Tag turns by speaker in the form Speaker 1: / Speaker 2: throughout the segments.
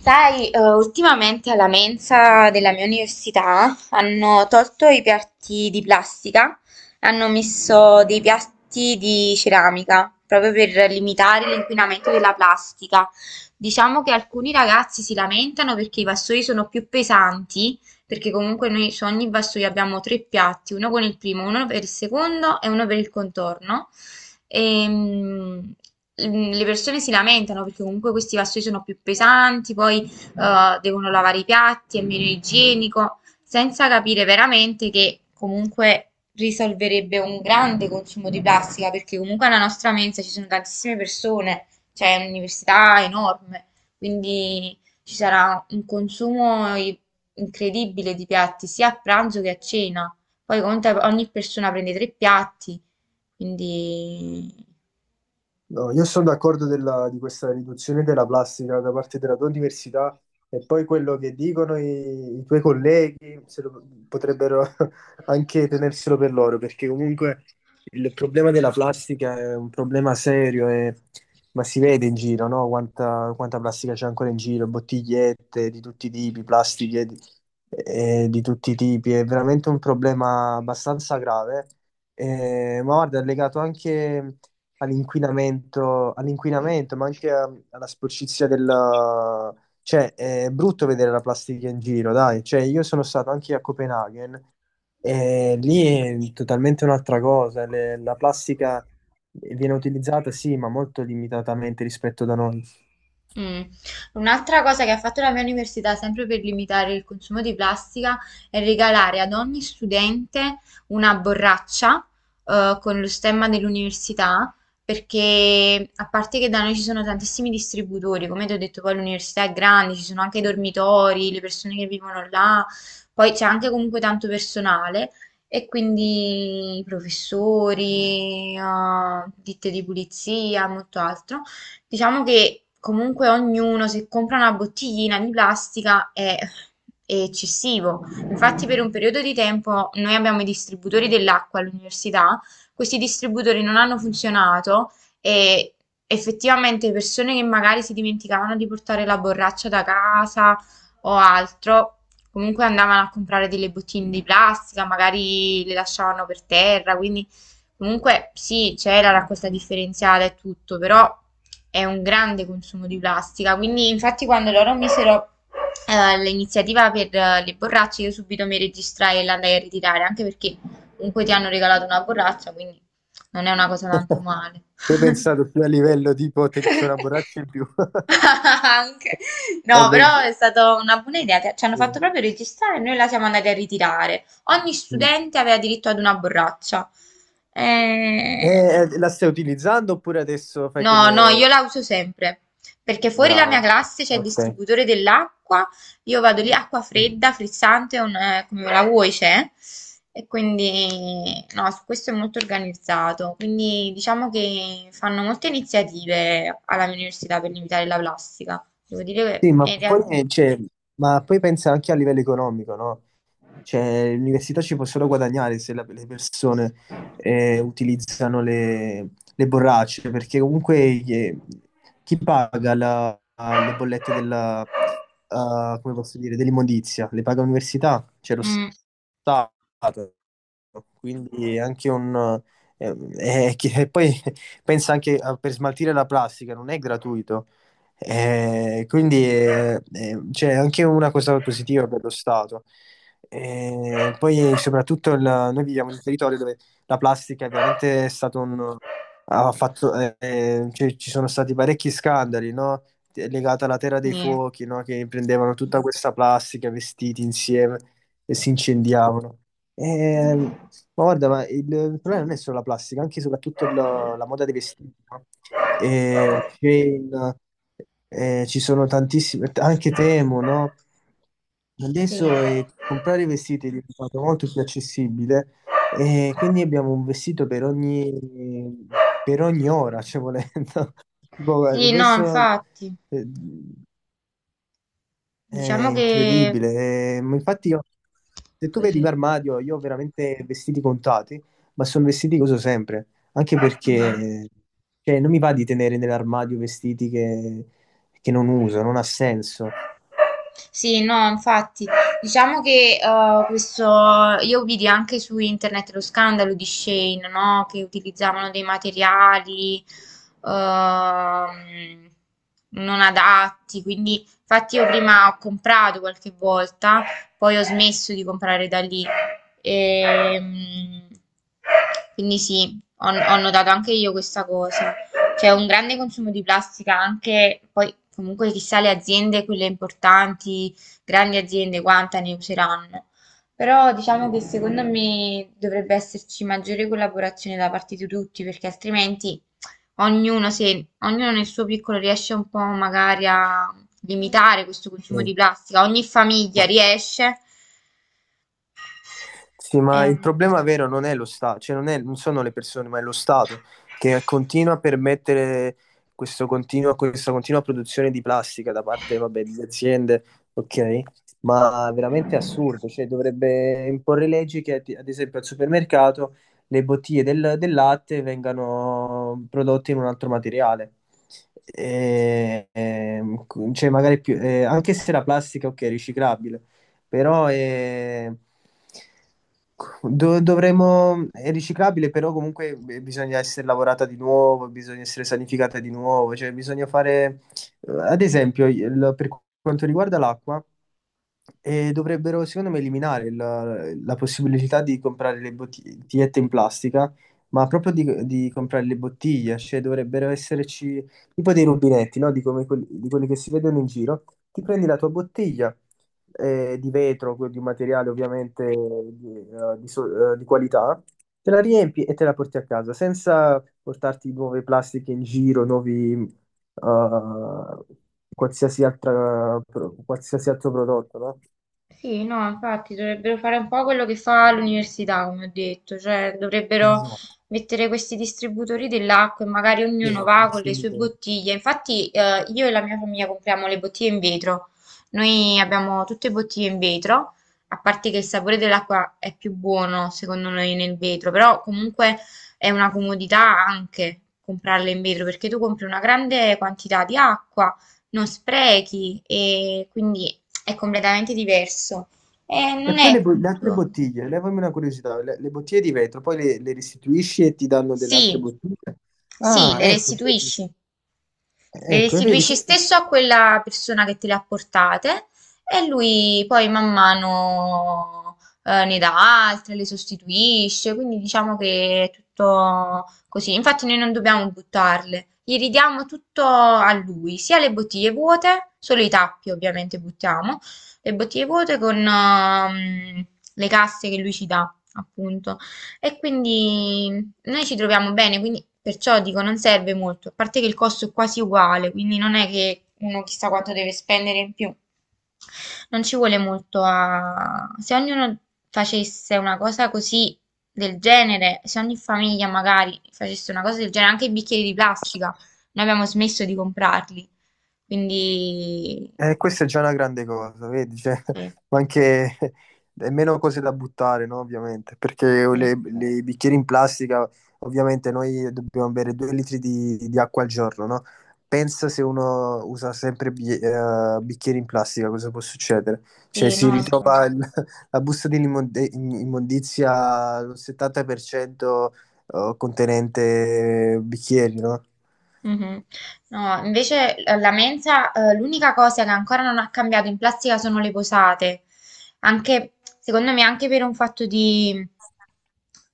Speaker 1: Sai, ultimamente alla mensa della mia università hanno tolto i piatti di plastica, hanno messo dei piatti di ceramica, proprio per limitare l'inquinamento della plastica. Diciamo che alcuni ragazzi si lamentano perché i vassoi sono più pesanti, perché comunque noi su ogni vassoio abbiamo tre piatti, uno con il primo, uno per il secondo e uno per il contorno. E, mm, le persone si lamentano perché comunque questi vassoi sono più pesanti, poi devono lavare i piatti, è meno igienico, senza capire veramente che comunque risolverebbe un grande consumo di plastica, perché comunque alla nostra mensa ci sono tantissime persone, c'è un'università enorme, quindi ci sarà un consumo incredibile di piatti sia a pranzo che a cena. Poi conta ogni persona prende tre piatti, quindi.
Speaker 2: No, io sono d'accordo di questa riduzione della plastica da parte della tua università e poi quello che dicono i tuoi colleghi se lo- potrebbero anche tenerselo per loro, perché comunque il problema della plastica è un problema serio, ma si vede in giro, no? Quanta plastica c'è ancora in giro, bottigliette di tutti i tipi, plastiche di tutti i tipi, è veramente un problema abbastanza grave. Ma guarda, è legato anche all'inquinamento, ma anche alla sporcizia della. Cioè, è brutto vedere la plastica in giro, dai. Cioè, io sono stato anche a Copenaghen e lì è totalmente un'altra cosa. La plastica viene utilizzata, sì, ma molto limitatamente rispetto da noi.
Speaker 1: mm. Un'altra cosa che ha fatto la mia università, sempre per limitare il consumo di plastica, è regalare ad ogni studente una borraccia, con lo stemma dell'università, perché a parte che da noi ci sono tantissimi distributori, come ti ho detto, poi l'università è grande, ci sono anche i dormitori, le persone che vivono là, poi c'è anche comunque tanto personale. E quindi i professori, ditte di pulizia, molto altro. Diciamo che comunque ognuno se compra una bottiglina di plastica è, eccessivo. Infatti per un periodo di tempo noi abbiamo i distributori dell'acqua all'università, questi distributori non hanno funzionato e effettivamente persone che magari si dimenticavano di portare la borraccia da casa o altro, comunque andavano a comprare delle bottiglie di plastica, magari le lasciavano per terra, quindi comunque sì, c'era la raccolta differenziata e tutto, però è un grande consumo di plastica, quindi infatti quando loro misero l'iniziativa per le borracce io subito mi registrai e l'andai a ritirare, anche perché comunque ti hanno regalato una borraccia, quindi non è una cosa tanto male.
Speaker 2: Voi pensate più a livello tipo c'è una borraccia in più.
Speaker 1: Anche. No,
Speaker 2: Vabbè,
Speaker 1: però
Speaker 2: sì.
Speaker 1: è stata una buona idea. Ci hanno fatto proprio registrare e noi la siamo andati a ritirare. Ogni
Speaker 2: Mm.
Speaker 1: studente aveva diritto ad una borraccia.
Speaker 2: Eh,
Speaker 1: Eh,
Speaker 2: la stai utilizzando oppure adesso fai
Speaker 1: No, no, io
Speaker 2: come.
Speaker 1: la uso sempre perché fuori la mia
Speaker 2: Brava.
Speaker 1: classe c'è il
Speaker 2: Ok.
Speaker 1: distributore dell'acqua, io vado lì, acqua fredda, frizzante, come la vuoi c'è, e quindi no, su questo è molto organizzato, quindi diciamo che fanno molte iniziative alla mia università per limitare la plastica, devo dire
Speaker 2: Sì,
Speaker 1: che
Speaker 2: ma
Speaker 1: in
Speaker 2: poi,
Speaker 1: realtà.
Speaker 2: cioè, ma poi pensa anche a livello economico, no? Cioè, l'università ci può solo guadagnare se le persone utilizzano le borracce, perché comunque eh, chi paga le bollette come posso dire, dell'immondizia? Le paga l'università?
Speaker 1: Mm,
Speaker 2: Stato. Quindi anche un. E poi pensa anche per smaltire la plastica, non è gratuito. Quindi c'è anche una cosa positiva per lo Stato. Poi soprattutto noi viviamo in un territorio dove la plastica è veramente stato un. Ha fatto, cioè, ci sono stati parecchi scandali, no? Legata alla Terra dei
Speaker 1: sì.
Speaker 2: Fuochi, no? Che prendevano tutta questa plastica, vestiti insieme e si incendiavano. Eh, ma guarda, ma il problema non è solo la plastica, anche e soprattutto la moda dei vestiti, no? Chain, ci sono tantissime, anche Temo, no?
Speaker 1: Sì.
Speaker 2: Adesso comprare vestiti è diventato molto più accessibile e quindi abbiamo un vestito per ogni ora, cioè volendo. Boh,
Speaker 1: Sì, no,
Speaker 2: adesso
Speaker 1: infatti,
Speaker 2: eh, è
Speaker 1: diciamo che
Speaker 2: incredibile. Ma infatti, io, se tu vedi il
Speaker 1: così.
Speaker 2: mio armadio, io ho veramente vestiti contati, ma sono vestiti che uso sempre. Anche
Speaker 1: Mm.
Speaker 2: perché cioè, non mi va di tenere nell'armadio vestiti che non uso, non ha senso.
Speaker 1: Sì, no, infatti, diciamo che questo, io vidi anche su internet lo scandalo di Shane, no? Che utilizzavano dei materiali ehm, non adatti, quindi infatti io prima ho comprato qualche volta, poi ho smesso di comprare da lì. Ehm, quindi sì, ho notato anche io questa cosa. C'è un grande consumo di plastica anche, poi comunque chissà le aziende, quelle importanti, grandi aziende, quanta ne useranno. Però diciamo che secondo me dovrebbe esserci maggiore collaborazione da parte di tutti, perché altrimenti ognuno, se ognuno nel suo piccolo riesce un po' magari a limitare questo consumo
Speaker 2: Eh,
Speaker 1: di plastica, ogni famiglia
Speaker 2: ma-
Speaker 1: riesce.
Speaker 2: Sì, ma il
Speaker 1: ehm,
Speaker 2: problema vero non è lo Stato, cioè non sono le persone, ma è lo Stato che continua a permettere questa continua produzione di plastica da parte, vabbè, di aziende, ok? Ma veramente assurdo, cioè dovrebbe imporre leggi che, ad esempio, al supermercato le bottiglie del latte vengano prodotte in un altro materiale. E- e- cioè magari più, anche se la plastica, ok, è riciclabile però è. Dovremmo... È riciclabile, però comunque bisogna essere lavorata di nuovo, bisogna essere sanificata di nuovo, cioè bisogna fare, ad esempio, per quanto riguarda l'acqua, e dovrebbero, secondo me, eliminare la possibilità di comprare le bottigliette in plastica, ma proprio di comprare le bottiglie, cioè dovrebbero esserci tipo dei rubinetti, no? Di, come quelli, di quelli che si vedono in giro. Ti prendi la tua bottiglia, di vetro, di un materiale ovviamente di qualità, te la riempi e te la porti a casa senza portarti nuove plastiche in giro, nuovi, eh, qualsiasi altra, qualsiasi altro prodotto, no?
Speaker 1: Sì, no, infatti dovrebbero fare un po' quello che fa l'università, come ho detto, cioè dovrebbero
Speaker 2: Esatto,
Speaker 1: mettere questi distributori dell'acqua e magari ognuno
Speaker 2: esatto,
Speaker 1: va con le sue
Speaker 2: assolutamente.
Speaker 1: bottiglie. Infatti, io e la mia famiglia compriamo le bottiglie in vetro. Noi abbiamo tutte bottiglie in vetro, a parte che il sapore dell'acqua è più buono, secondo noi, nel vetro, però comunque è una comodità anche comprarle in vetro, perché tu compri una grande quantità di acqua non sprechi e quindi è completamente diverso. E
Speaker 2: E
Speaker 1: non
Speaker 2: poi
Speaker 1: è
Speaker 2: le, le altre
Speaker 1: appunto.
Speaker 2: bottiglie, levami una curiosità, le bottiglie di vetro, poi le restituisci e ti danno delle altre
Speaker 1: Sì,
Speaker 2: bottiglie?
Speaker 1: sì,
Speaker 2: Ah,
Speaker 1: le restituisci. Le
Speaker 2: ecco, vedi,
Speaker 1: restituisci
Speaker 2: questo.
Speaker 1: stesso a quella persona che te le ha portate e lui poi man mano ne dà altre, le sostituisce, quindi diciamo che è tutto così. Infatti noi non dobbiamo buttarle, gli ridiamo tutto a lui, sia le bottiglie vuote, solo i tappi ovviamente buttiamo, le bottiglie vuote con le casse che lui ci dà, appunto. E quindi noi ci troviamo bene, quindi perciò dico non serve molto, a parte che il costo è quasi uguale, quindi non è che uno chissà quanto deve spendere in più. Non ci vuole molto a. Se ognuno facesse una cosa così del genere, se ogni famiglia magari facesse una cosa del genere, anche i bicchieri di plastica, noi abbiamo smesso di comprarli. Quindi.
Speaker 2: Questa è già una grande cosa, vedi? Cioè, ma anche è meno cose da buttare, no? Ovviamente, perché le,
Speaker 1: Infatti.
Speaker 2: le bicchieri in plastica, ovviamente noi dobbiamo bere 2 litri di acqua al giorno, no? Pensa se uno usa sempre bicchieri in plastica, cosa può succedere? Cioè,
Speaker 1: Sì,
Speaker 2: si
Speaker 1: no, infatti.
Speaker 2: ritrova la busta di immondizia al 70% contenente bicchieri, no?
Speaker 1: Mhm. No, invece la mensa, l'unica cosa che ancora non ha cambiato in plastica sono le posate. Anche, secondo me, anche per un fatto di,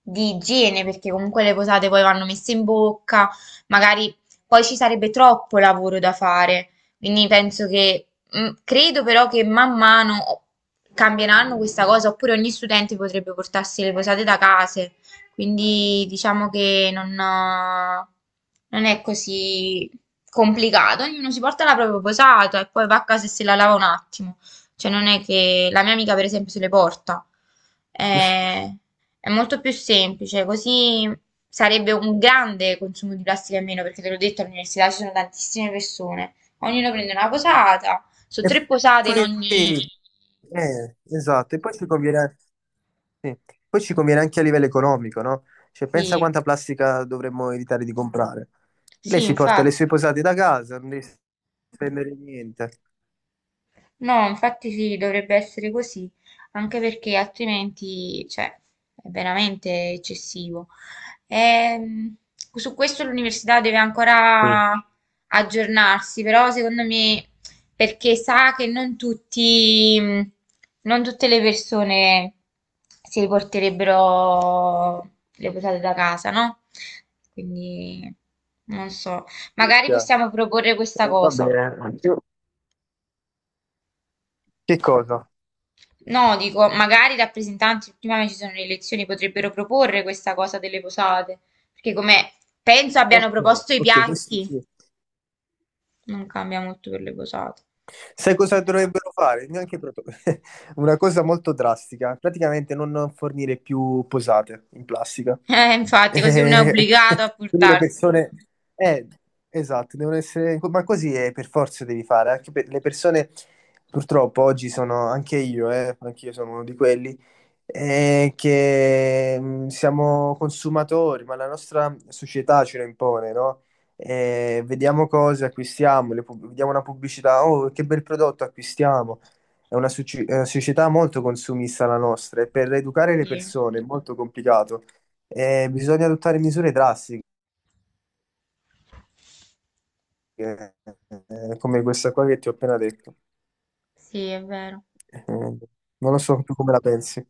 Speaker 1: igiene, perché comunque le posate poi vanno messe in bocca, magari poi ci sarebbe troppo lavoro da fare. Quindi penso che, credo però che man mano cambieranno questa cosa, oppure ogni studente potrebbe portarsi le posate da casa. Quindi diciamo che non, è così complicato. Ognuno si porta la propria posata e poi va a casa e se la lava un attimo. Cioè non è che la mia amica per esempio se le porta. È, molto più semplice, così sarebbe un grande consumo di plastica in meno perché te l'ho detto all'università ci sono tantissime persone. Ognuno prende una posata, sono
Speaker 2: E
Speaker 1: tre posate in
Speaker 2: poi,
Speaker 1: ogni.
Speaker 2: esatto, e poi ci conviene anche a livello economico, no? Cioè, pensa
Speaker 1: Sì,
Speaker 2: quanta plastica dovremmo evitare di comprare. Lei
Speaker 1: sì,
Speaker 2: si porta le sue
Speaker 1: infatti.
Speaker 2: posate da casa, non devi spendere niente.
Speaker 1: No, infatti sì, dovrebbe essere così, anche perché altrimenti, cioè, è veramente eccessivo. Ehm, Su questo l'università deve
Speaker 2: Sì.
Speaker 1: ancora aggiornarsi, però secondo me, perché sa che non tutti, non tutte le persone si porterebbero le posate da casa, no? Quindi, non so,
Speaker 2: Sì,
Speaker 1: magari
Speaker 2: chiaro.
Speaker 1: possiamo proporre questa
Speaker 2: Va
Speaker 1: cosa.
Speaker 2: bene. Che cosa?
Speaker 1: No, dico, magari i rappresentanti, prima che ci sono le elezioni, potrebbero proporre questa cosa delle posate, perché come penso abbiano
Speaker 2: Ok,
Speaker 1: proposto i
Speaker 2: ok, questo
Speaker 1: piatti,
Speaker 2: sì.
Speaker 1: non cambia molto per le posate.
Speaker 2: Sai cosa dovrebbero fare? Neanche proto- Una cosa molto drastica, praticamente non fornire più posate in plastica.
Speaker 1: Infatti, così uno è
Speaker 2: E
Speaker 1: obbligato a
Speaker 2: quindi le
Speaker 1: portarsene.
Speaker 2: persone. Eh, esatto, devono essere. Ma così è, per forza devi fare, anche per le persone. Purtroppo oggi sono anche io sono uno di quelli, che siamo consumatori, ma la nostra società ce lo impone, no? Vediamo cose, acquistiamo, vediamo una pubblicità, oh che bel prodotto acquistiamo. È una società molto consumista la nostra e per educare le
Speaker 1: Sì,
Speaker 2: persone è molto complicato. Bisogna adottare misure drastiche, eh, come questa qua che ti ho appena detto.
Speaker 1: sì, è vero.
Speaker 2: Non lo so tu come la pensi.